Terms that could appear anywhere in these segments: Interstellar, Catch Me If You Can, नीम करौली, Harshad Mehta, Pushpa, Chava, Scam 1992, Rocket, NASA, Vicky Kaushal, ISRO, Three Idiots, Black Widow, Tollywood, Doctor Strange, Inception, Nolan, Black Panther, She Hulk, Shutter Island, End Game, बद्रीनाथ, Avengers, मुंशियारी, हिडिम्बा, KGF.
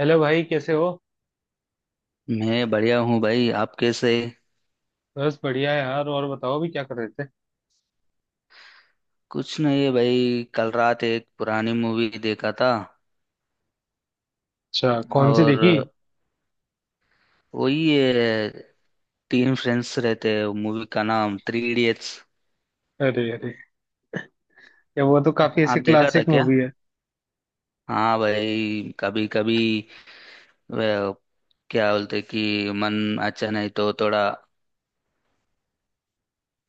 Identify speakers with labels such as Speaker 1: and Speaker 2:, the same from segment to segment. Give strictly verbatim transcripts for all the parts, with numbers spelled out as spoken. Speaker 1: Hello भाई, कैसे हो।
Speaker 2: मैं बढ़िया हूँ भाई। आप कैसे?
Speaker 1: बस बढ़िया है यार। और बताओ, अभी क्या कर रहे थे।
Speaker 2: कुछ नहीं भाई, कल रात एक पुरानी मूवी देखा था।
Speaker 1: अच्छा, कौन सी देखी।
Speaker 2: और वही है। तीन फ्रेंड्स रहते हैं, मूवी का नाम थ्री इडियट्स।
Speaker 1: अरे अरे, ये वो तो काफी
Speaker 2: आप
Speaker 1: ऐसे
Speaker 2: देखा था
Speaker 1: क्लासिक
Speaker 2: क्या?
Speaker 1: मूवी है।
Speaker 2: हाँ भाई, कभी कभी। वह, क्या बोलते कि मन अच्छा नहीं तो थोड़ा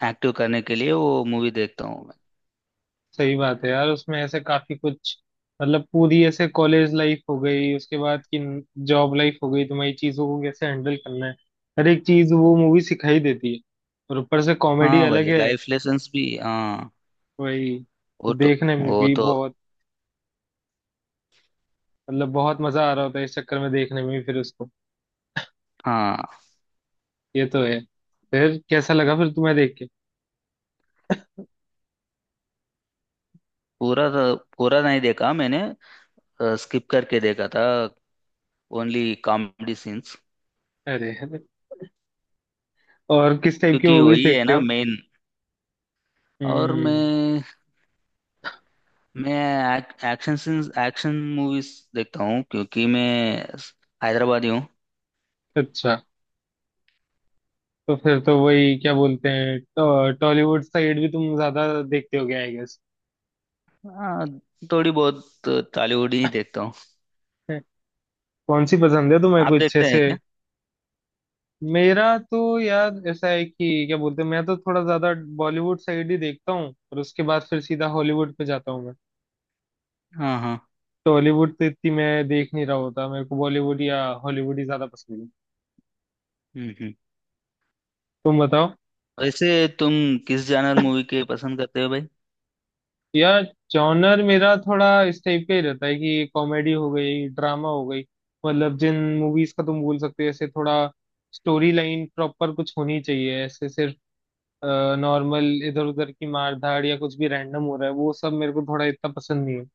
Speaker 2: एक्टिव करने के लिए वो मूवी देखता हूँ मैं।
Speaker 1: सही बात है यार, उसमें ऐसे काफी कुछ, मतलब पूरी ऐसे कॉलेज लाइफ हो गई, उसके बाद की जॉब लाइफ हो गई, तुम्हारी चीजों को कैसे हैंडल करना है, हर एक चीज वो मूवी सिखाई देती है। और ऊपर से कॉमेडी
Speaker 2: हाँ
Speaker 1: अलग
Speaker 2: भाई,
Speaker 1: है।
Speaker 2: लाइफ लेसन्स भी। हाँ।
Speaker 1: वही तो
Speaker 2: वो तो
Speaker 1: देखने में
Speaker 2: वो
Speaker 1: भी
Speaker 2: तो
Speaker 1: बहुत, मतलब बहुत मजा आ रहा होता है इस चक्कर में, देखने में भी फिर उसको।
Speaker 2: हाँ।
Speaker 1: ये तो है। फिर कैसा लगा फिर तुम्हें देख के।
Speaker 2: पूरा तो, पूरा नहीं देखा मैंने। स्किप करके देखा था। Only comedy scenes.
Speaker 1: अरे और किस टाइप की
Speaker 2: क्योंकि
Speaker 1: मूवीज
Speaker 2: वही है
Speaker 1: देखते
Speaker 2: ना
Speaker 1: हो।
Speaker 2: मेन। और
Speaker 1: हम्म।
Speaker 2: मैं मैं एक्शन सीन्स, एक्शन मूवीज देखता हूँ, क्योंकि मैं हैदराबादी हूँ।
Speaker 1: अच्छा, तो फिर तो वही, क्या बोलते हैं, टॉ- टॉलीवुड साइड भी तुम ज्यादा देखते हो गया आई गेस।
Speaker 2: हाँ, थोड़ी बहुत टॉलीवुड ही देखता हूँ।
Speaker 1: कौन सी पसंद है तुम्हें,
Speaker 2: आप
Speaker 1: कुछ अच्छे
Speaker 2: देखते हैं
Speaker 1: से।
Speaker 2: क्या?
Speaker 1: मेरा तो यार ऐसा है कि क्या बोलते हैं, मैं तो थोड़ा ज्यादा बॉलीवुड साइड ही देखता हूँ, और उसके बाद फिर सीधा हॉलीवुड पे जाता हूँ मैं।
Speaker 2: हाँ हाँ।
Speaker 1: टॉलीवुड तो इतनी मैं देख नहीं रहा होता, मेरे को बॉलीवुड या हॉलीवुड ही ज्यादा पसंद है।
Speaker 2: हम्म हम्म।
Speaker 1: तुम बताओ।
Speaker 2: वैसे तुम किस जानर मूवी के पसंद करते हो भाई?
Speaker 1: यार जॉनर मेरा थोड़ा इस टाइप का ही रहता है कि कॉमेडी हो गई, ड्रामा हो गई, मतलब जिन मूवीज का तुम बोल सकते हो ऐसे, थोड़ा स्टोरी लाइन प्रॉपर कुछ होनी चाहिए। ऐसे सिर्फ नॉर्मल इधर उधर की मार धाड़ या कुछ भी रैंडम हो रहा है, वो सब मेरे को थोड़ा इतना पसंद नहीं है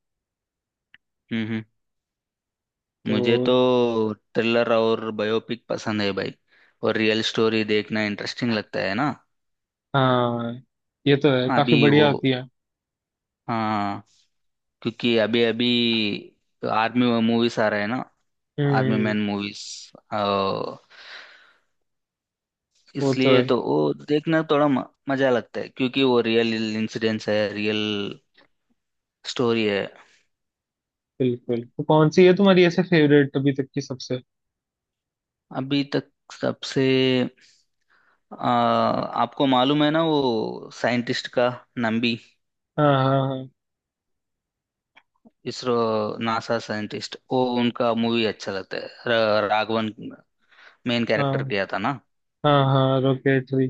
Speaker 2: हम्म हम्म।
Speaker 1: तो।
Speaker 2: मुझे तो थ्रिलर और बायोपिक पसंद है भाई। और रियल स्टोरी देखना इंटरेस्टिंग लगता है ना।
Speaker 1: हाँ, ये तो है, काफी
Speaker 2: अभी
Speaker 1: बढ़िया
Speaker 2: वो।
Speaker 1: होती है।
Speaker 2: हाँ। क्योंकि अभी अभी तो आर्मी मूवीज आ रहे हैं ना।
Speaker 1: हम्म
Speaker 2: आर्मी
Speaker 1: हम्म,
Speaker 2: मैन मूवीज।
Speaker 1: वो तो
Speaker 2: इसलिए
Speaker 1: है।
Speaker 2: तो वो देखना थोड़ा म- मजा लगता है, क्योंकि वो रियल इंसिडेंट्स है, रियल स्टोरी है।
Speaker 1: बिल्कुल, तो कौन सी है तुम्हारी ऐसे फेवरेट अभी तक की सबसे।
Speaker 2: अभी तक सबसे। आ, आपको मालूम है ना, वो साइंटिस्ट का। नंबी।
Speaker 1: हाँ हाँ
Speaker 2: इसरो। नासा साइंटिस्ट, वो उनका मूवी अच्छा लगता है, र- राघवन। मेन कैरेक्टर
Speaker 1: हाँ
Speaker 2: किया था ना।
Speaker 1: हाँ हाँ हाँ, रॉकेट थ्री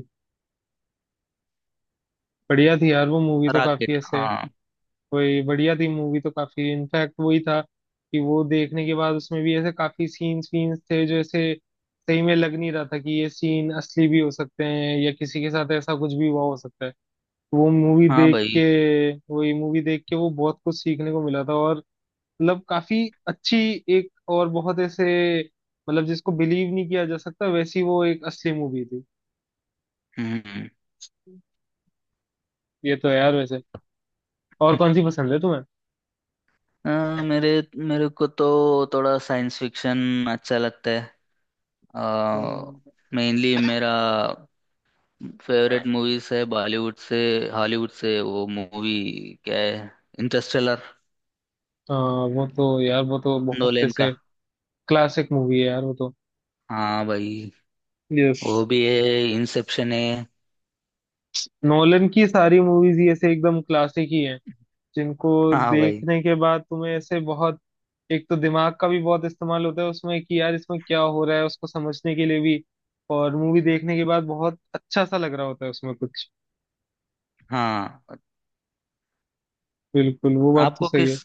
Speaker 1: बढ़िया थी यार, वो मूवी तो काफी
Speaker 2: रॉकेट।
Speaker 1: ऐसे
Speaker 2: हाँ।
Speaker 1: कोई बढ़िया थी मूवी तो, काफी इनफैक्ट वही था कि वो देखने के बाद उसमें भी ऐसे काफी सीन्स वीन्स थे जो ऐसे सही में लग नहीं रहा था कि ये सीन असली भी हो सकते हैं, या किसी के साथ ऐसा कुछ भी हुआ हो सकता है। वो मूवी
Speaker 2: हाँ
Speaker 1: देख
Speaker 2: भाई।
Speaker 1: के, वही मूवी देख के वो बहुत कुछ सीखने को मिला था, और मतलब काफी अच्छी, एक और बहुत ऐसे, मतलब जिसको बिलीव नहीं किया जा सकता वैसी वो एक असली मूवी थी।
Speaker 2: हम्म।
Speaker 1: ये तो है यार वैसे। और कौन सी पसंद है तुम्हें।
Speaker 2: अ, मेरे मेरे को तो थोड़ा साइंस फिक्शन अच्छा लगता है।
Speaker 1: हम्म।
Speaker 2: मेनली मेरा फेवरेट मूवीज है बॉलीवुड से। हॉलीवुड से वो मूवी क्या है, इंटरस्टेलर।
Speaker 1: हाँ, वो तो यार वो तो बहुत
Speaker 2: नोलन का।
Speaker 1: ऐसे क्लासिक मूवी है यार वो तो।
Speaker 2: हाँ भाई।
Speaker 1: यस।
Speaker 2: वो भी है, इंसेप्शन है।
Speaker 1: नोलन की सारी मूवीज ही ऐसे एकदम क्लासिक ही हैं, जिनको
Speaker 2: हाँ भाई।
Speaker 1: देखने के बाद तुम्हें ऐसे बहुत, एक तो दिमाग का भी बहुत इस्तेमाल होता है उसमें कि यार इसमें क्या हो रहा है, उसको समझने के लिए भी, और मूवी देखने के बाद बहुत अच्छा सा लग रहा होता है उसमें कुछ।
Speaker 2: हाँ।
Speaker 1: बिल्कुल, वो बात तो
Speaker 2: आपको
Speaker 1: सही है।
Speaker 2: किस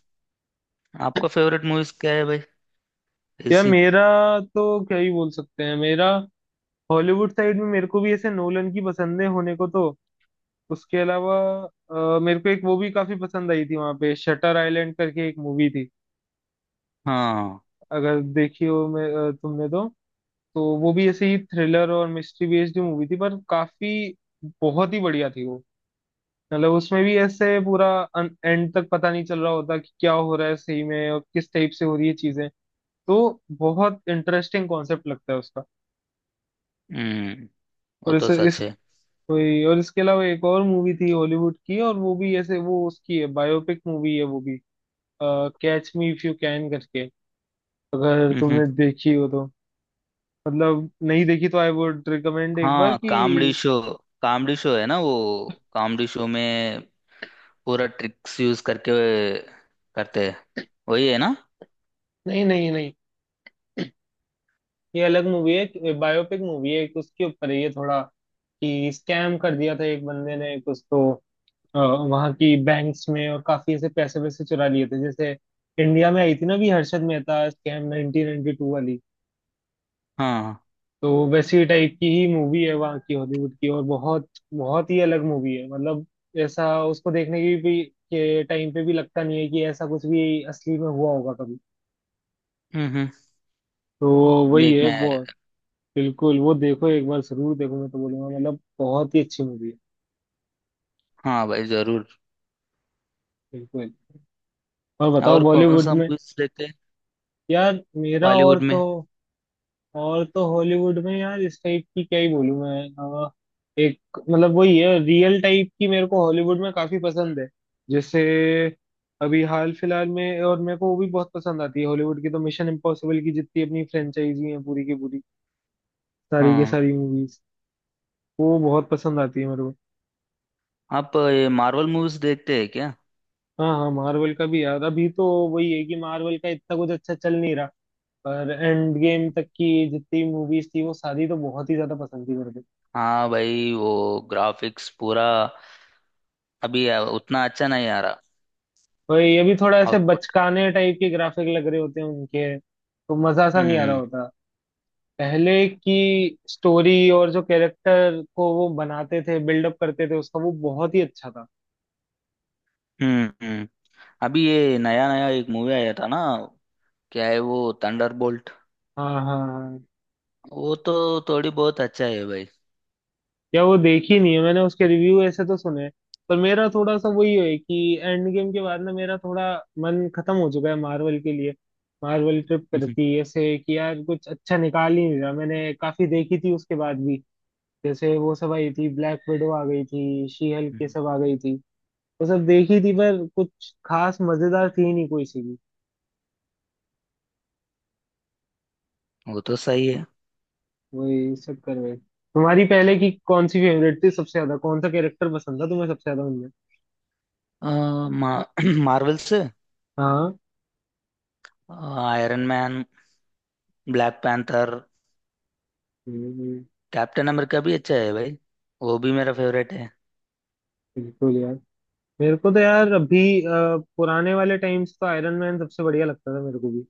Speaker 2: आपका फेवरेट मूवीज क्या है भाई?
Speaker 1: यार
Speaker 2: ऐसी।
Speaker 1: मेरा, तो क्या ही बोल सकते हैं, मेरा हॉलीवुड साइड में मेरे को भी ऐसे नोलन की पसंदें होने को तो। उसके अलावा अ, मेरे को एक वो भी काफी पसंद आई थी, वहां पे शटर आइलैंड करके एक मूवी थी,
Speaker 2: हाँ।
Speaker 1: अगर देखी हो मैं अ, तुमने तो। तो वो भी ऐसे ही थ्रिलर और मिस्ट्री बेस्ड मूवी थी, पर काफी बहुत ही बढ़िया थी वो। मतलब उसमें भी ऐसे पूरा एंड तक पता नहीं चल रहा होता कि क्या हो रहा है सही में, और किस टाइप से हो रही है चीजें तो। बहुत इंटरेस्टिंग कॉन्सेप्ट लगता है उसका।
Speaker 2: हम्म। वो
Speaker 1: और
Speaker 2: तो
Speaker 1: इस,
Speaker 2: सच
Speaker 1: इस
Speaker 2: है।
Speaker 1: वही, और इसके अलावा एक और मूवी थी हॉलीवुड की, और वो भी ऐसे वो उसकी है, बायोपिक मूवी है वो भी, catch me if you can करके, अगर
Speaker 2: हम्म हम्म।
Speaker 1: तुमने देखी हो तो, मतलब नहीं देखी तो आई वुड रिकमेंड एक बार
Speaker 2: हाँ,
Speaker 1: कि।
Speaker 2: कॉमेडी शो, कॉमेडी शो है ना वो। कॉमेडी शो में पूरा ट्रिक्स यूज करके करते हैं। वही है ना।
Speaker 1: नहीं नहीं नहीं, ये अलग मूवी है, बायोपिक मूवी है एक, उसके ऊपर है ये थोड़ा कि स्कैम कर दिया था एक बंदे ने कुछ तो, अ, वहाँ की बैंक्स में, और काफी ऐसे पैसे वैसे चुरा लिए थे, जैसे इंडिया में आई थी ना भी Harshad Mehta scam nineteen ninety two वाली,
Speaker 2: हाँ।
Speaker 1: तो वैसी टाइप की ही मूवी है वहाँ की हॉलीवुड की। और बहुत बहुत ही अलग मूवी है, मतलब ऐसा उसको देखने की भी के टाइम पे भी लगता नहीं है कि ऐसा कुछ भी असली में हुआ होगा कभी।
Speaker 2: हम्म
Speaker 1: तो
Speaker 2: हम्म।
Speaker 1: वही है
Speaker 2: देखना है।
Speaker 1: वो। बिल्कुल, वो देखो एक बार जरूर, देखो मैं तो बोलूंगा, मतलब बहुत ही अच्छी मूवी है।
Speaker 2: हाँ भाई जरूर।
Speaker 1: बिल्कुल। और बताओ
Speaker 2: और कौन
Speaker 1: बॉलीवुड
Speaker 2: सा
Speaker 1: में।
Speaker 2: मूवीज देखते हैं
Speaker 1: यार मेरा और
Speaker 2: बॉलीवुड में?
Speaker 1: तो, और तो हॉलीवुड में यार इस टाइप की क्या ही बोलूं मैं। अ, एक, मतलब वही है, रियल टाइप की मेरे को हॉलीवुड में काफी पसंद है। जैसे अभी हाल फिलहाल में, और मेरे को वो भी बहुत पसंद आती है हॉलीवुड की, तो मिशन इम्पॉसिबल की जितनी अपनी फ्रेंचाइजी है पूरी की पूरी, सारी की
Speaker 2: हाँ।
Speaker 1: सारी मूवीज वो बहुत पसंद आती है मेरे को।
Speaker 2: आप ये मार्वल मूवीज देखते हैं क्या?
Speaker 1: हाँ हाँ, मार्वल का भी यार अभी तो वही है कि मार्वल का इतना कुछ अच्छा चल नहीं रहा, पर एंड गेम तक की जितनी मूवीज थी वो सारी तो बहुत ही ज्यादा पसंद थी मेरे को।
Speaker 2: हाँ भाई, वो ग्राफिक्स पूरा अभी उतना अच्छा नहीं आ रहा।
Speaker 1: वही, ये भी थोड़ा ऐसे
Speaker 2: आउटपुट।
Speaker 1: बचकाने टाइप के ग्राफिक लग रहे होते हैं उनके तो, मजा सा नहीं आ रहा
Speaker 2: हम्म
Speaker 1: होता। पहले की स्टोरी और जो कैरेक्टर को वो बनाते थे, बिल्डअप करते थे उसका, वो बहुत ही अच्छा था।
Speaker 2: हम्म। हम्म। अभी ये नया नया एक मूवी आया था ना। क्या है वो? थंडरबोल्ट।
Speaker 1: हाँ हाँ हाँ,
Speaker 2: वो तो थोड़ी बहुत अच्छा है भाई।
Speaker 1: या वो देखी नहीं है मैंने, उसके रिव्यू ऐसे तो सुने हैं। पर मेरा थोड़ा सा वही है कि एंड गेम के बाद ना मेरा थोड़ा मन खत्म हो चुका है मार्वल के लिए। मार्वल ट्रिप करती है ऐसे कि यार कुछ अच्छा निकाल ही नहीं रहा, मैंने काफी देखी थी उसके बाद भी, जैसे वो सब आई थी ब्लैक विडो आ गई थी, शी हल्क ये
Speaker 2: हम्म।
Speaker 1: सब आ गई थी, वो सब देखी थी पर कुछ खास मजेदार थी नहीं कोई सी भी।
Speaker 2: वो तो सही है।
Speaker 1: वही चक्कर में, तुम्हारी पहले की कौन सी फेवरेट थी सबसे ज्यादा, कौन सा कैरेक्टर पसंद था तुम्हें सबसे ज्यादा उनमें।
Speaker 2: अ, मा, मार्वल से।
Speaker 1: हाँ।
Speaker 2: Iron Man. Black Panther.
Speaker 1: हम्म।
Speaker 2: कैप्टन अमेरिका भी अच्छा है भाई। वो भी मेरा फेवरेट है।
Speaker 1: बिल्कुल यार। मेरे को तो यार अभी अ, पुराने वाले टाइम्स तो आयरन मैन सबसे बढ़िया लगता था मेरे को भी।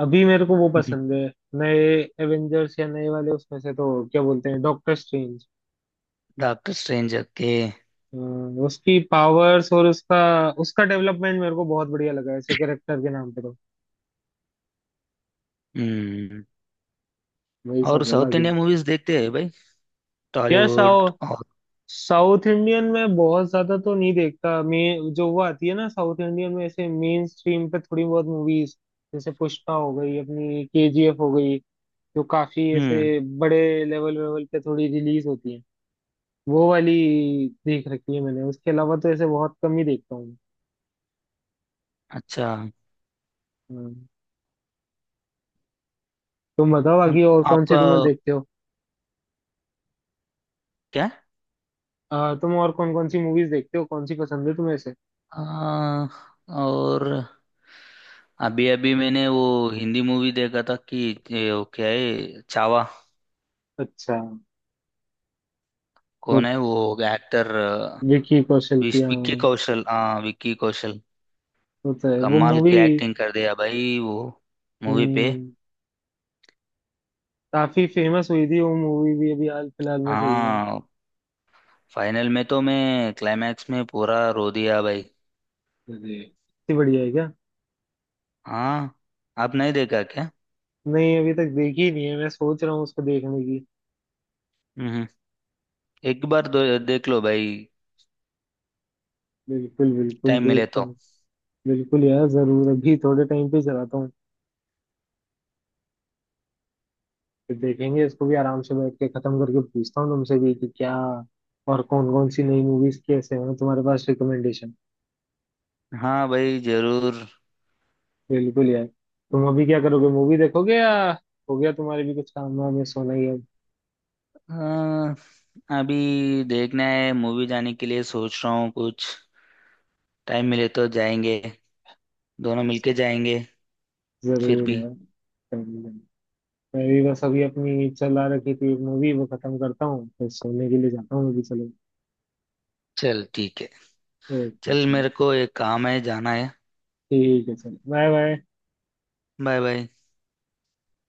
Speaker 1: अभी मेरे को वो पसंद है, नए एवेंजर्स या नए वाले उसमें से तो क्या बोलते हैं, डॉक्टर स्ट्रेंज।
Speaker 2: डॉक्टर स्ट्रेंज के।
Speaker 1: हाँ, उसकी पावर्स और उसका, उसका डेवलपमेंट मेरे को बहुत बढ़िया लगा ऐसे कैरेक्टर के नाम पे तो।
Speaker 2: हम्म।
Speaker 1: वही
Speaker 2: और
Speaker 1: सब है
Speaker 2: साउथ
Speaker 1: बाकी।
Speaker 2: इंडिया मूवीज देखते हैं भाई?
Speaker 1: यार
Speaker 2: टॉलीवुड
Speaker 1: साउथ
Speaker 2: और।
Speaker 1: साउथ इंडियन में बहुत ज्यादा तो नहीं देखता मैं, जो वो आती है ना साउथ इंडियन में ऐसे मेन स्ट्रीम पे थोड़ी बहुत मूवीज जैसे पुष्पा हो गई, अपनी केजीएफ हो गई, जो काफी
Speaker 2: हम्म।
Speaker 1: ऐसे बड़े लेवल लेवल पे थोड़ी रिलीज होती है, वो वाली देख रखी है मैंने, उसके अलावा तो ऐसे बहुत कम ही देखता हूँ।
Speaker 2: अच्छा।
Speaker 1: हाँ, तुम बताओ
Speaker 2: हम-
Speaker 1: आगे और कौन सी
Speaker 2: आपका
Speaker 1: तुम्हें देखते हो।
Speaker 2: क्या?
Speaker 1: आ, तुम और कौन कौन सी मूवीज देखते हो, कौन सी पसंद है तुम्हें से।
Speaker 2: अ, और अभी अभी मैंने वो हिंदी मूवी देखा था कि ये वो क्या है, चावा।
Speaker 1: अच्छा, वो
Speaker 2: कौन है वो एक्टर?
Speaker 1: विकी कौशल की,
Speaker 2: विक्की
Speaker 1: हाँ।
Speaker 2: कौशल। हाँ, विक्की कौशल।
Speaker 1: वो तो है वो
Speaker 2: कमाल
Speaker 1: मूवी,
Speaker 2: की एक्टिंग कर दिया भाई वो मूवी पे।
Speaker 1: काफी फेमस हुई थी वो मूवी भी अभी हाल फिलहाल में, सही में।
Speaker 2: हाँ। फाइनल में तो मैं क्लाइमैक्स में पूरा रो दिया भाई।
Speaker 1: अरे, इतनी बढ़िया है क्या।
Speaker 2: हाँ। आप नहीं देखा क्या?
Speaker 1: नहीं, अभी तक देखी ही नहीं है, मैं सोच रहा हूँ उसको देखने की।
Speaker 2: हम्म। एक बार दो, देख लो भाई।
Speaker 1: बिल्कुल बिल्कुल,
Speaker 2: टाइम मिले
Speaker 1: देखता
Speaker 2: तो।
Speaker 1: हूँ। बिल्कुल यार जरूर, अभी थोड़े टाइम पे चलाता हूँ, फिर देखेंगे इसको भी आराम से बैठ के खत्म करके, पूछता हूँ तुमसे भी कि क्या और कौन कौन सी नई मूवीज कैसे हैं तुम्हारे पास रिकमेंडेशन।
Speaker 2: हाँ भाई जरूर।
Speaker 1: बिल्कुल यार, तुम अभी क्या करोगे, मूवी देखोगे, या हो गया तुम्हारे भी कुछ काम वाम है, सोना ही है।
Speaker 2: अ, अभी देखना है मूवी जाने के लिए सोच रहा हूँ कुछ। टाइम मिले तो जाएंगे। दोनों मिलके जाएंगे। फिर
Speaker 1: जरूर
Speaker 2: भी।
Speaker 1: यार। जरूर। यार। मैं भी बस अभी अपनी चला रखी थी मूवी, वो खत्म करता हूँ फिर सोने के लिए जाता हूँ अभी, चलो।
Speaker 2: चल ठीक है।
Speaker 1: ओके
Speaker 2: चल मेरे
Speaker 1: चलो,
Speaker 2: को एक काम है जाना है।
Speaker 1: ठीक है चलो, बाय बाय।
Speaker 2: Bye bye.